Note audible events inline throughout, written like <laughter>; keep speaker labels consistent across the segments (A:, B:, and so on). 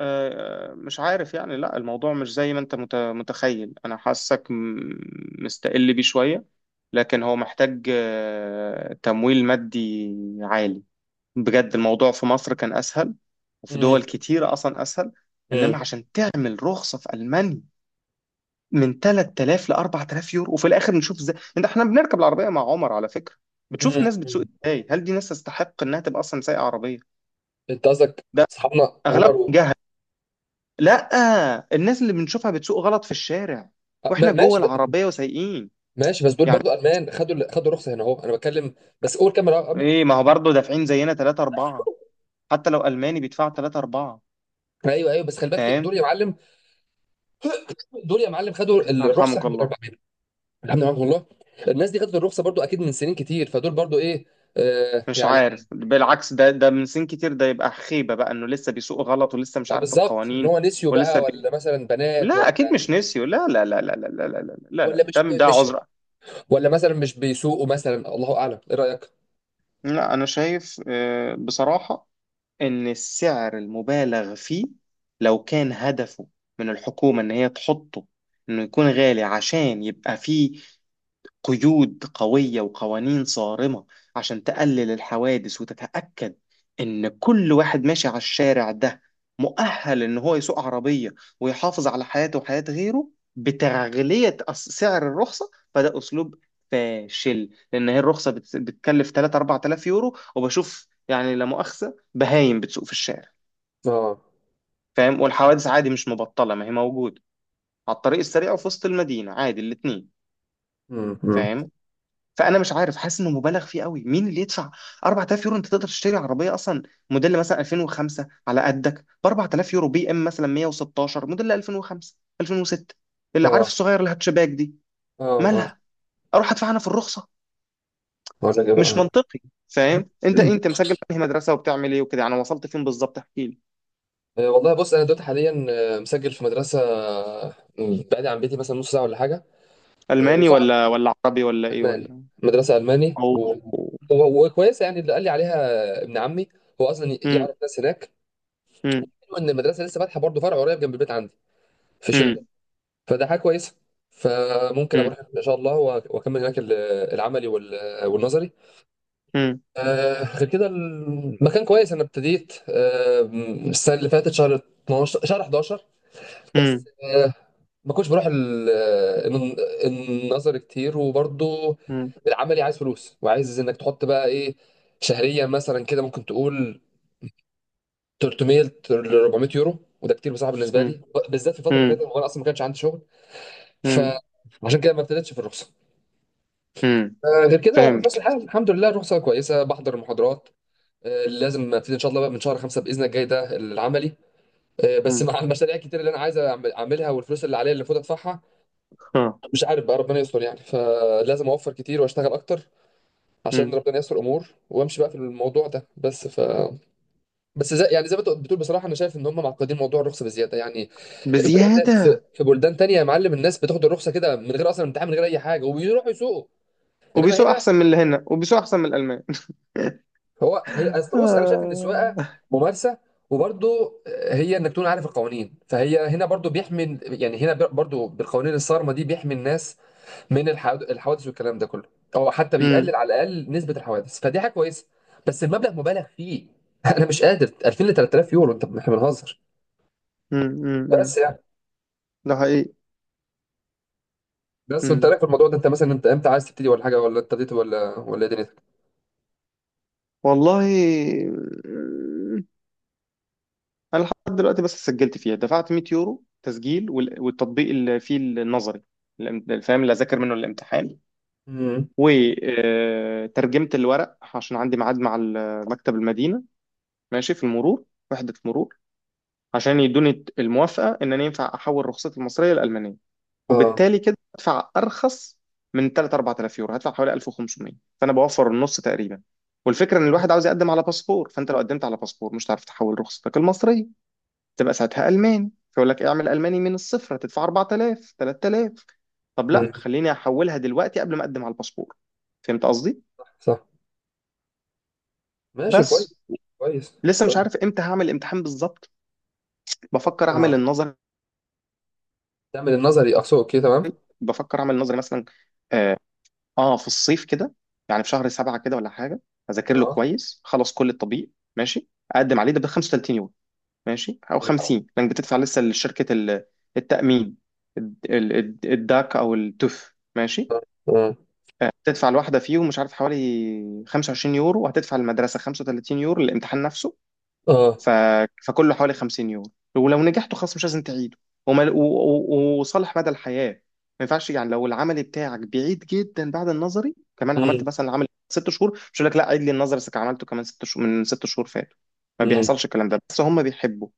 A: مش عارف، يعني لا، الموضوع مش زي ما انت متخيل. انا حاسك مستقل بيه شوية. لكن هو محتاج، تمويل مادي عالي. بجد الموضوع في مصر كان اسهل، وفي
B: مم.
A: دول كتيرة اصلا اسهل.
B: مم.
A: انما عشان تعمل رخصة في المانيا من 3000 ل 4000 يورو. وفي الاخر نشوف ازاي انت، احنا بنركب العربية مع عمر على فكرة، بتشوف
B: مم.
A: الناس
B: مم.
A: بتسوق ازاي، هل دي ناس تستحق انها تبقى اصلا سايقة عربية؟
B: انت قصدك
A: ده
B: اصحابنا عمر
A: اغلبهم.
B: و...
A: لا، الناس اللي بنشوفها بتسوق غلط في الشارع
B: آه، ما-
A: واحنا جوه
B: ماشي ب...
A: العربية وسايقين،
B: ماشي بس دول
A: يعني.
B: برضو المان خدوا الرخصه هنا اهو انا بتكلم. بس قول كام رقم قبل.
A: ايه؟ ما هو برضه دافعين زينا 3 4. حتى لو ألماني بيدفع 3 4،
B: ايوه ايوه، بس خلي بالك دول
A: فاهم.
B: يا معلم، دول يا معلم خدوا الرخصه،
A: يرحمك
B: احنا بنقول
A: الله.
B: عليهم. الحمد لله والله. الناس دي خدت الرخصه برضو اكيد من سنين كتير، فدول برضو ايه.
A: مش
B: يعني
A: عارف، بالعكس، ده من سن كتير، ده يبقى خيبة بقى انه لسه بيسوق غلط ولسه مش
B: اه،
A: عارف
B: بالظبط ان
A: القوانين.
B: هو نسيوا
A: ولسه
B: بقى،
A: بي...
B: ولا مثلا بنات،
A: لا، اكيد مش
B: ولا
A: نسيوا. لا لا لا لا لا لا لا لا لا لا لا،
B: ولا
A: ده
B: مش
A: ده
B: مش
A: عذر.
B: ولا مثلا مش بيسوقوا، مثلا الله اعلم. ايه رايك؟
A: لا، انا شايف، بصراحة، إن السعر المبالغ فيه لو كان هدفه من الحكومة إن هي تحطه إنه يكون غالي، عشان يبقى فيه قيود قوية وقوانين صارمة عشان تقلل الحوادث وتتأكد إن كل واحد ماشي على الشارع ده مؤهل إن هو يسوق عربية ويحافظ على حياته وحياة غيره، بتغلية سعر الرخصة، فده أسلوب فاشل. لأن هي الرخصة بتكلف 3 4000 يورو، وبشوف يعني، لا مؤاخذة، بهايم بتسوق في الشارع،
B: اه.
A: فاهم. والحوادث عادي، مش مبطلة، ما هي موجودة، على الطريق السريع وفي وسط المدينة، عادي الاتنين،
B: امم
A: فاهم. فانا مش عارف، حاسس انه مبالغ فيه قوي. مين اللي يدفع 4000 يورو؟ انت تقدر تشتري عربيه اصلا موديل مثلا 2005 على قدك ب 4000 يورو. بي ام مثلا 116 موديل 2005، 2006، اللي عارف،
B: اه،
A: الصغير الهاتشباك دي،
B: اه، اه.
A: مالها؟ اروح ادفع انا في الرخصه؟
B: اقول لك ايه
A: مش
B: بقى؟
A: منطقي، فاهم. انت مسجل في أنهي مدرسه، وبتعمل ايه وكده يعني؟ وصلت فين بالظبط؟ احكي لي.
B: والله بص انا دلوقتي حاليا مسجل في مدرسه، يعني بعيد عن بيتي مثلا نص ساعه ولا حاجه.
A: الماني
B: وصعب.
A: ولا عربي، ولا ايه
B: الماني.
A: ولا؟
B: مدرسه الماني
A: او.
B: و... وكويسه يعني، اللي قال لي عليها ابن عمي، هو اصلا
A: امم.
B: يعرف ناس هناك.
A: امم.
B: حلو ان المدرسه لسه فاتحه برضه فرع قريب جنب البيت عندي، في شبرا.
A: امم.
B: فده حاجه كويسه. فممكن
A: امم.
B: اروح ان شاء الله واكمل هناك العملي والنظري.
A: امم.
B: غير كده المكان كويس. انا ابتديت السنه اللي فاتت، شهر 12 شهر 11. بس ما كنتش بروح الن- النظر كتير، وبرضه
A: امم.
B: العملي عايز فلوس. وعايز انك تحط بقى ايه شهريا، مثلا كده ممكن تقول 300 ل 400 يورو، وده كتير بصراحه بالنسبه لي، بالذات في الفتره اللي فاتت،
A: امم.
B: وانا اصلا ما كانش عندي شغل.
A: امم.
B: فعشان كده ما ابتديتش في الرخصه.
A: امم.
B: غير كده في نفس
A: فهمت.
B: الحال، الحمد لله الرخصه كويسه، بحضر المحاضرات. لازم ابتدي ان شاء الله بقى من شهر خمسه باذن الله الجاي ده العملي. بس مع المشاريع الكتير اللي انا عايز اعملها، والفلوس اللي عليا اللي المفروض ادفعها،
A: ها.
B: مش عارف بقى ربنا يستر يعني. فلازم اوفر كتير واشتغل اكتر عشان
A: مم.
B: ربنا يستر امور، وامشي بقى في الموضوع ده بس ف. بس زي يعني زي ما انت بتقول بصراحه، انا شايف ان هم معقدين موضوع الرخصه بزياده يعني. بجد، في
A: بزيادة.
B: في بلدان تانية يا معلم الناس بتاخد الرخصه كده من غير اصلا امتحان، من غير اي حاجه، وبيروحوا يسوقوا. انما
A: وبيسوق
B: هنا،
A: أحسن من اللي هنا، وبيسوق أحسن من الألمان.
B: هو هي
A: <laughs>
B: اصل بص، انا شايف ان السواقه
A: آه.
B: ممارسه، وبرضه هي انك تكون عارف القوانين. فهي هنا برضه بيحمي يعني، هنا برضه بالقوانين الصارمه دي بيحمي الناس من الحوادث والكلام ده كله، او حتى
A: مم.
B: بيقلل على الاقل نسبه الحوادث. فدي حاجه كويسه. بس المبلغ مبالغ فيه. <laughs> انا مش قادر، 2000 ل 3000 يورو، انت احنا بنهزر.
A: مم. مم. مم.
B: بس يعني،
A: ده حقيقي.
B: بس وانت
A: مم.
B: رايك في الموضوع ده؟ انت مثلا، انت امتى عايز تبتدي ولا حاجه؟ ولا ابتديت؟ ولا ايه دنيتك؟
A: والله. مم. أنا لحد دلوقتي بس سجلت فيها، دفعت 100 يورو تسجيل والتطبيق اللي فيه النظري، فاهم، اللي أذاكر منه الامتحان.
B: امم.
A: وترجمت الورق، عشان عندي ميعاد مع مكتب المدينة، ماشي، في المرور، وحدة المرور، عشان يدوني الموافقة إن أنا ينفع أحول رخصتي المصرية لألمانية،
B: اه.
A: وبالتالي كده هدفع ارخص. من 3 4000 يورو هدفع حوالي 1500، فانا بوفر النص تقريبا. والفكره ان الواحد عاوز يقدم على باسبور. فانت لو قدمت على باسبور مش هتعرف تحول رخصتك المصريه، تبقى ساعتها الماني، فيقول لك اعمل الماني من الصفر، هتدفع 4000، 3000. طب لا،
B: امم.
A: خليني احولها دلوقتي قبل ما اقدم على الباسبور. فهمت قصدي؟
B: صح. ماشي، كويس.
A: بس
B: كويس.
A: لسه مش
B: كويس.
A: عارف امتى هعمل الامتحان بالظبط. بفكر اعمل
B: اه،
A: النظر
B: تعمل النظري اقصد. اوكي، تمام.
A: بفكر اعمل النظر مثلا، آه، اه في الصيف كده، يعني في شهر 7 كده، ولا حاجة. أذاكر له
B: اه.
A: كويس خلص، كل الطبيب ماشي، أقدم عليه ده ب 35 يوم، ماشي، أو
B: اه.
A: 50، لأنك بتدفع لسه لشركة التأمين، الداك أو التوف، ماشي. هتدفع الواحدة فيهم مش عارف حوالي 25 يورو، وهتدفع المدرسة 35 يورو للامتحان نفسه.
B: اه.
A: ف... فكله حوالي 50 يورو. ولو نجحته خلاص مش لازم تعيده، وصالح مدى الحياة. ما ينفعش يعني لو العملي بتاعك بعيد جدا بعد النظري، كمان
B: امم.
A: عملت مثلا العملي 6 شهور، مش هيقول لك لا عيد لي النظري بس عملته كمان 6 شهور من 6 شهور فاتوا، ما
B: امم.
A: بيحصلش الكلام ده. بس هم بيحبوا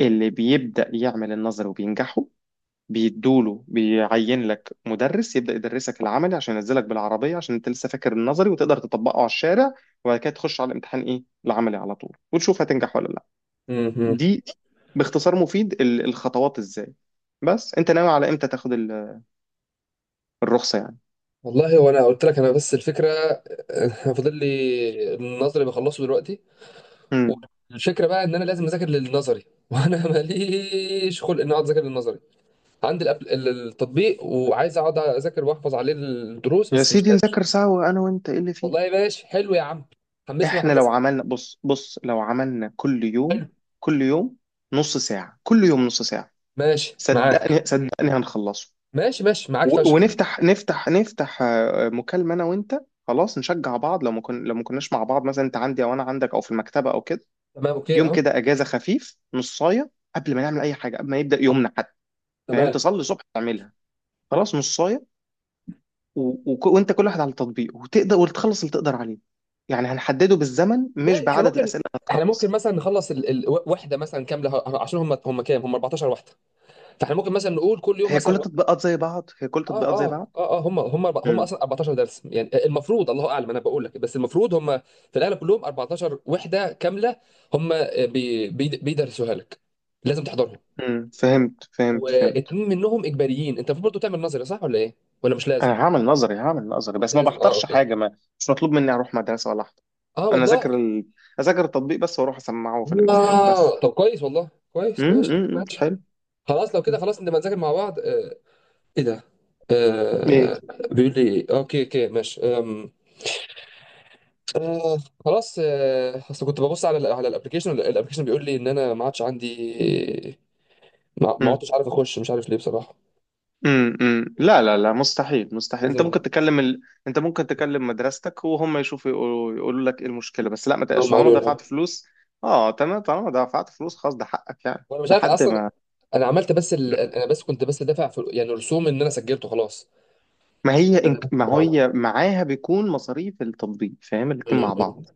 A: اللي بيبدأ يعمل النظري وبينجحوا بيدوله، بيعين لك مدرس يبدأ يدرسك العملي عشان ينزلك بالعربية، عشان انت لسه فاكر النظري وتقدر تطبقه على الشارع. وبعد كده تخش على الامتحان، ايه، العملي على طول، وتشوف هتنجح ولا لا.
B: امم.
A: دي باختصار مفيد الخطوات ازاي. بس انت ناوي على امتى تاخد الرخصة يعني؟
B: والله، وانا قلت لك، انا بس الفكره <laughs> فاضل لي النظري، بخلصه دلوقتي.
A: امم.
B: الفكره بقى ان انا لازم اذاكر للنظري <laughs> وانا ماليش خلق ان اقعد اذاكر للنظري. عندي التطبيق، وعايز اقعد اذاكر واحفظ عليه الدروس،
A: يا
B: بس مش
A: سيدي،
B: قادر.
A: نذاكر سوا انا وانت، ايه اللي فيه؟
B: والله ماشي، حلو يا عم. حمسني
A: احنا لو
B: وحمسك.
A: عملنا، بص بص، لو عملنا كل يوم،
B: حلو.
A: كل يوم نص ساعة، كل يوم نص ساعة،
B: ماشي معاك.
A: صدقني صدقني هنخلصه.
B: ماشي ماشي معاك فشخ.
A: ونفتح، نفتح، نفتح، مكالمة انا وانت، خلاص نشجع بعض. لو ما كن، لو ما كناش مع بعض، مثلا انت عندي او انا عندك او في المكتبة او كده،
B: تمام، اوكي،
A: يوم
B: اه.
A: كده اجازة خفيف، نصاية قبل ما نعمل اي حاجة، قبل ما يبدأ يومنا حتى، فاهم.
B: تمام.
A: تصلي الصبح تعملها، خلاص نصايه، و... وانت، كل واحد على التطبيق، وتقدر وتخلص اللي تقدر عليه. يعني هنحدده بالزمن مش
B: احنا
A: بعدد
B: ممكن،
A: الاسئله اللي
B: احنا ممكن
A: هتخلص.
B: مثلا نخلص وحده مثلا كامله عشان هم كام؟ هم 14 وحده. فاحنا ممكن مثلا نقول كل يوم
A: هي كل
B: مثلا.
A: التطبيقات زي بعض، هي كل
B: اه،
A: التطبيقات زي
B: اه،
A: بعض.
B: اه، اه. هم
A: مم.
B: اصلا 14 درس يعني، المفروض الله اعلم، انا بقول لك بس المفروض هم في الاغلب كلهم 14 وحده كامله. هم، بي بي بيدرسوها لك، لازم تحضرهم.
A: امم، فهمت فهمت فهمت.
B: واتنين منهم اجباريين. انت المفروض برضه تعمل نظري، صح ولا ايه؟ ولا مش لازم؟
A: انا هعمل نظري، هعمل نظري، بس ما
B: لازم، اه.
A: بحضرش
B: اوكي.
A: حاجه، ما مش مطلوب مني اروح مدرسه ولا احضر.
B: اه،
A: انا اذاكر
B: والله.
A: اذاكر التطبيق بس، واروح اسمعه في الامتحان بس.
B: آه. طب كويس، والله كويس،
A: امم.
B: ماشي
A: أمم، أمم،
B: ماشي.
A: حلو.
B: خلاص لو كده،
A: أمم.
B: خلاص نبقى نذاكر مع بعض آه. ايه ده؟
A: ايه؟
B: آه. بيقول لي اوكي اوكي ماشي آم. آه. خلاص. آه، اصل كنت ببص على على الابلكيشن، الابلكيشن بيقول لي ان انا ما عادش عندي. ما عدتش عارف اخش، مش عارف ليه بصراحه.
A: امم. أمم. لا لا لا، مستحيل مستحيل.
B: لازم.
A: انت ممكن تكلم مدرستك، وهم يشوفوا يقولوا لك ايه المشكله. بس لا، ما تقلقش
B: هم
A: طالما
B: قالوا لها.
A: دفعت فلوس. اه تمام. طالما دفعت فلوس خلاص، ده حقك يعني،
B: وانا مش عارف
A: لحد
B: اصلا.
A: ما.
B: انا عملت بس ال... انا بس كنت بس دافع في يعني رسوم ان انا سجلته خلاص. آه.
A: ما
B: آه.
A: هي معاها بيكون مصاريف التطبيق، فاهم، الاتنين
B: م-
A: مع
B: م.
A: بعض.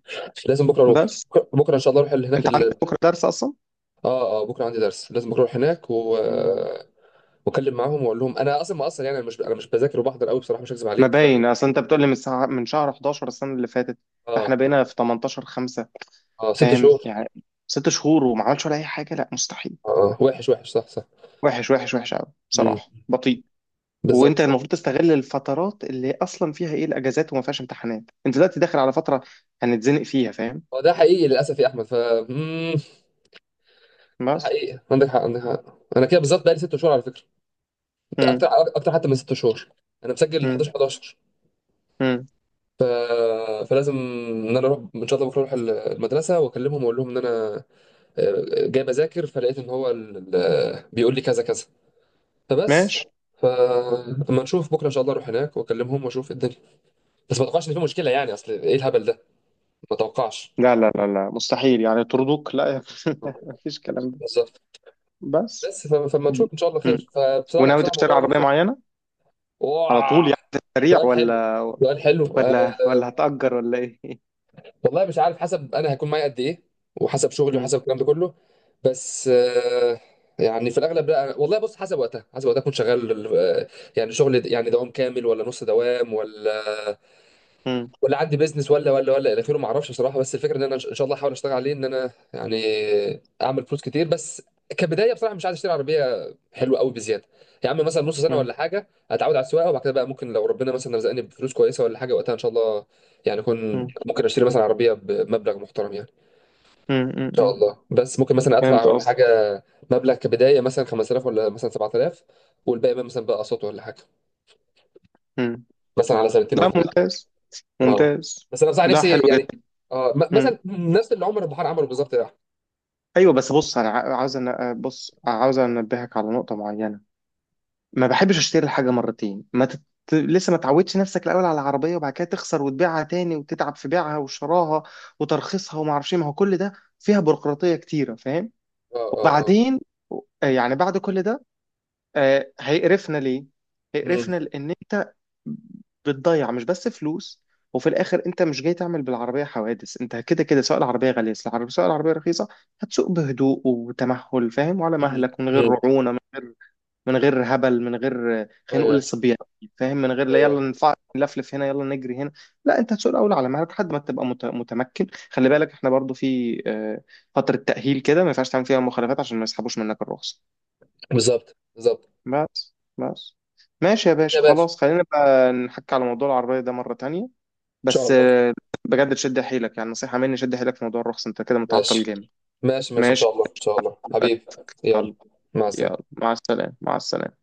B: لازم بكره اروح.
A: بس
B: بكره ان شاء الله اروح هناك
A: انت عندك
B: ال...
A: بكره درس اصلا؟
B: اه اه، بكره عندي درس. لازم بكره اروح هناك و
A: مم.
B: واكلم معاهم واقول لهم انا اصلا، ما اصلا يعني، انا مش بذاكر وبحضر قوي بصراحه، مش هكذب
A: ما
B: عليك ف.
A: باين، اصل انت بتقول لي من شهر 11 السنه اللي فاتت، احنا
B: اه.
A: بقينا في 18 5،
B: اه، ست
A: فاهم
B: شهور.
A: يعني، 6 شهور وما عملش ولا اي حاجه، لا مستحيل.
B: اه. آه. وحش وحش، صح.
A: وحش وحش وحش قوي بصراحه،
B: صح.
A: بطيء.
B: بالظبط
A: وانت
B: بالظبط.
A: المفروض تستغل الفترات اللي اصلا فيها ايه، الاجازات وما فيهاش امتحانات. انت دلوقتي داخل على فتره هنتزنق فيها، فاهم.
B: هو ده حقيقي للاسف يا احمد ف. مم، ده
A: بس.
B: حقيقي، عندك حق، عندك حق. انا كده بالظبط بقالي ست شهور على فكره. اكتر،
A: امم.
B: اكتر حتى من ست شهور. انا مسجل
A: امم.
B: 11 11.
A: امم.
B: ف... فلازم ان انا اروح، ان شاء الله بكره اروح المدرسه واكلمهم واقول لهم ان انا جاي بذاكر فلقيت ان هو بيقول لي كذا كذا فبس.
A: ماشي.
B: فلما نشوف بكره ان شاء الله اروح هناك واكلمهم واشوف إيه الدنيا. بس ما اتوقعش ان في مشكله يعني، اصل ايه الهبل ده. ما اتوقعش.
A: لا لا لا لا، مستحيل، يعني طردوك، لا يا <laughs> مفيش الكلام ده.
B: بالظبط.
A: بس.
B: بس فما نشوف ان شاء الله
A: مم.
B: خير. فبصراحه لا،
A: وناوي
B: بصراحه
A: تشتري
B: موضوع
A: عربيه
B: الرخصه.
A: معينه على
B: اوه.
A: طول يعني، سريع،
B: سؤال حلو.
A: ولا
B: سؤال حلو آه.
A: هتأجر، ولا ايه؟ <laughs>
B: والله مش عارف، حسب انا هيكون معايا قد ايه، وحسب شغلي،
A: مم.
B: وحسب الكلام ده كله. بس آه. يعني في الاغلب لا، والله بص حسب وقتها، حسب وقتها اكون شغال آه، يعني شغل يعني دوام كامل، ولا نص دوام، ولا
A: مم.
B: ولا عندي بيزنس، ولا الى اخره، ما اعرفش بصراحه. بس الفكره ان انا ان شاء الله احاول اشتغل عليه، ان انا يعني اعمل فلوس كتير. بس كبدايه بصراحه مش عايز اشتري عربيه حلوه قوي بزياده. يا عم مثلا نص سنه
A: مم.
B: ولا حاجه اتعود على السواقه، وبعد كده بقى ممكن لو ربنا مثلا رزقني بفلوس كويسه ولا حاجه، وقتها ان شاء الله يعني
A: مم.
B: اكون ممكن اشتري مثلا عربيه بمبلغ محترم يعني،
A: مم.
B: ان شاء
A: مم.
B: الله. بس ممكن مثلا ادفع
A: فهمت
B: ولا
A: قصدك.
B: حاجه مبلغ كبدايه مثلا 5000، ولا مثلا 7000، والباقي بقى مثلا بقى اقساط ولا حاجه،
A: مم.
B: مثلا على سنتين او
A: لا،
B: ثلاثه.
A: ممتاز
B: اه.
A: ممتاز.
B: بس انا بصراحه
A: لا،
B: نفسي
A: حلو
B: يعني.
A: جدا.
B: اه، مثلا
A: مم.
B: نفس اللي عمر البحار عمله بالظبط ده. اه.
A: ايوه. بس بص، انا ع- عاوز أن... بص عاوز انبهك على نقطه معينه. ما بحبش اشتري الحاجه مرتين، ما تت... لسه ما تعودش نفسك الاول على العربيه، وبعد كده تخسر وتبيعها تاني وتتعب في بيعها وشراها وترخيصها، وما اعرفش إيه. ما هو كل ده فيها بيروقراطيه كتيره، فاهم.
B: اه. اه.
A: وبعدين، يعني بعد كل ده، هيقرفنا ليه؟
B: امم.
A: هيقرفنا لأن أنت بتضيع مش بس فلوس. وفي الآخر أنت مش جاي تعمل بالعربية حوادث. أنت كده كده، سواء العربية غالية، سواء العربية رخيصة، هتسوق بهدوء وتمهل، فاهم، وعلى
B: امم.
A: مهلك، من غير
B: امم.
A: رعونة، من غير هبل، من غير خلينا نقول
B: ايوه
A: صبيان، فاهم. من غير،
B: ايوه
A: لا يلا،
B: ايوه.
A: نلفلف هنا، يلا نجري هنا، لا. انت هتسوق الاول على مهلك لحد ما تبقى متمكن. خلي بالك احنا برضو في فتره تاهيل كده، ما ينفعش تعمل فيها مخالفات عشان ما يسحبوش منك الرخصه.
B: بالظبط بالظبط.
A: بس بس. ماشي يا
B: ماشي يا
A: باشا،
B: باشا،
A: خلاص، خلينا بقى نحكي على موضوع العربية ده مرة تانية.
B: ان شاء
A: بس
B: الله.
A: بجد، شد حيلك يعني، نصيحة مني، شد حيلك في موضوع الرخص، انت كده متعطل
B: ماشي
A: جامد.
B: ماشي، ماشي ان
A: ماشي.
B: شاء الله. ان شاء الله حبيبي. يلا، مع
A: يلا
B: السلامه.
A: مع السلامة، مع السلامة.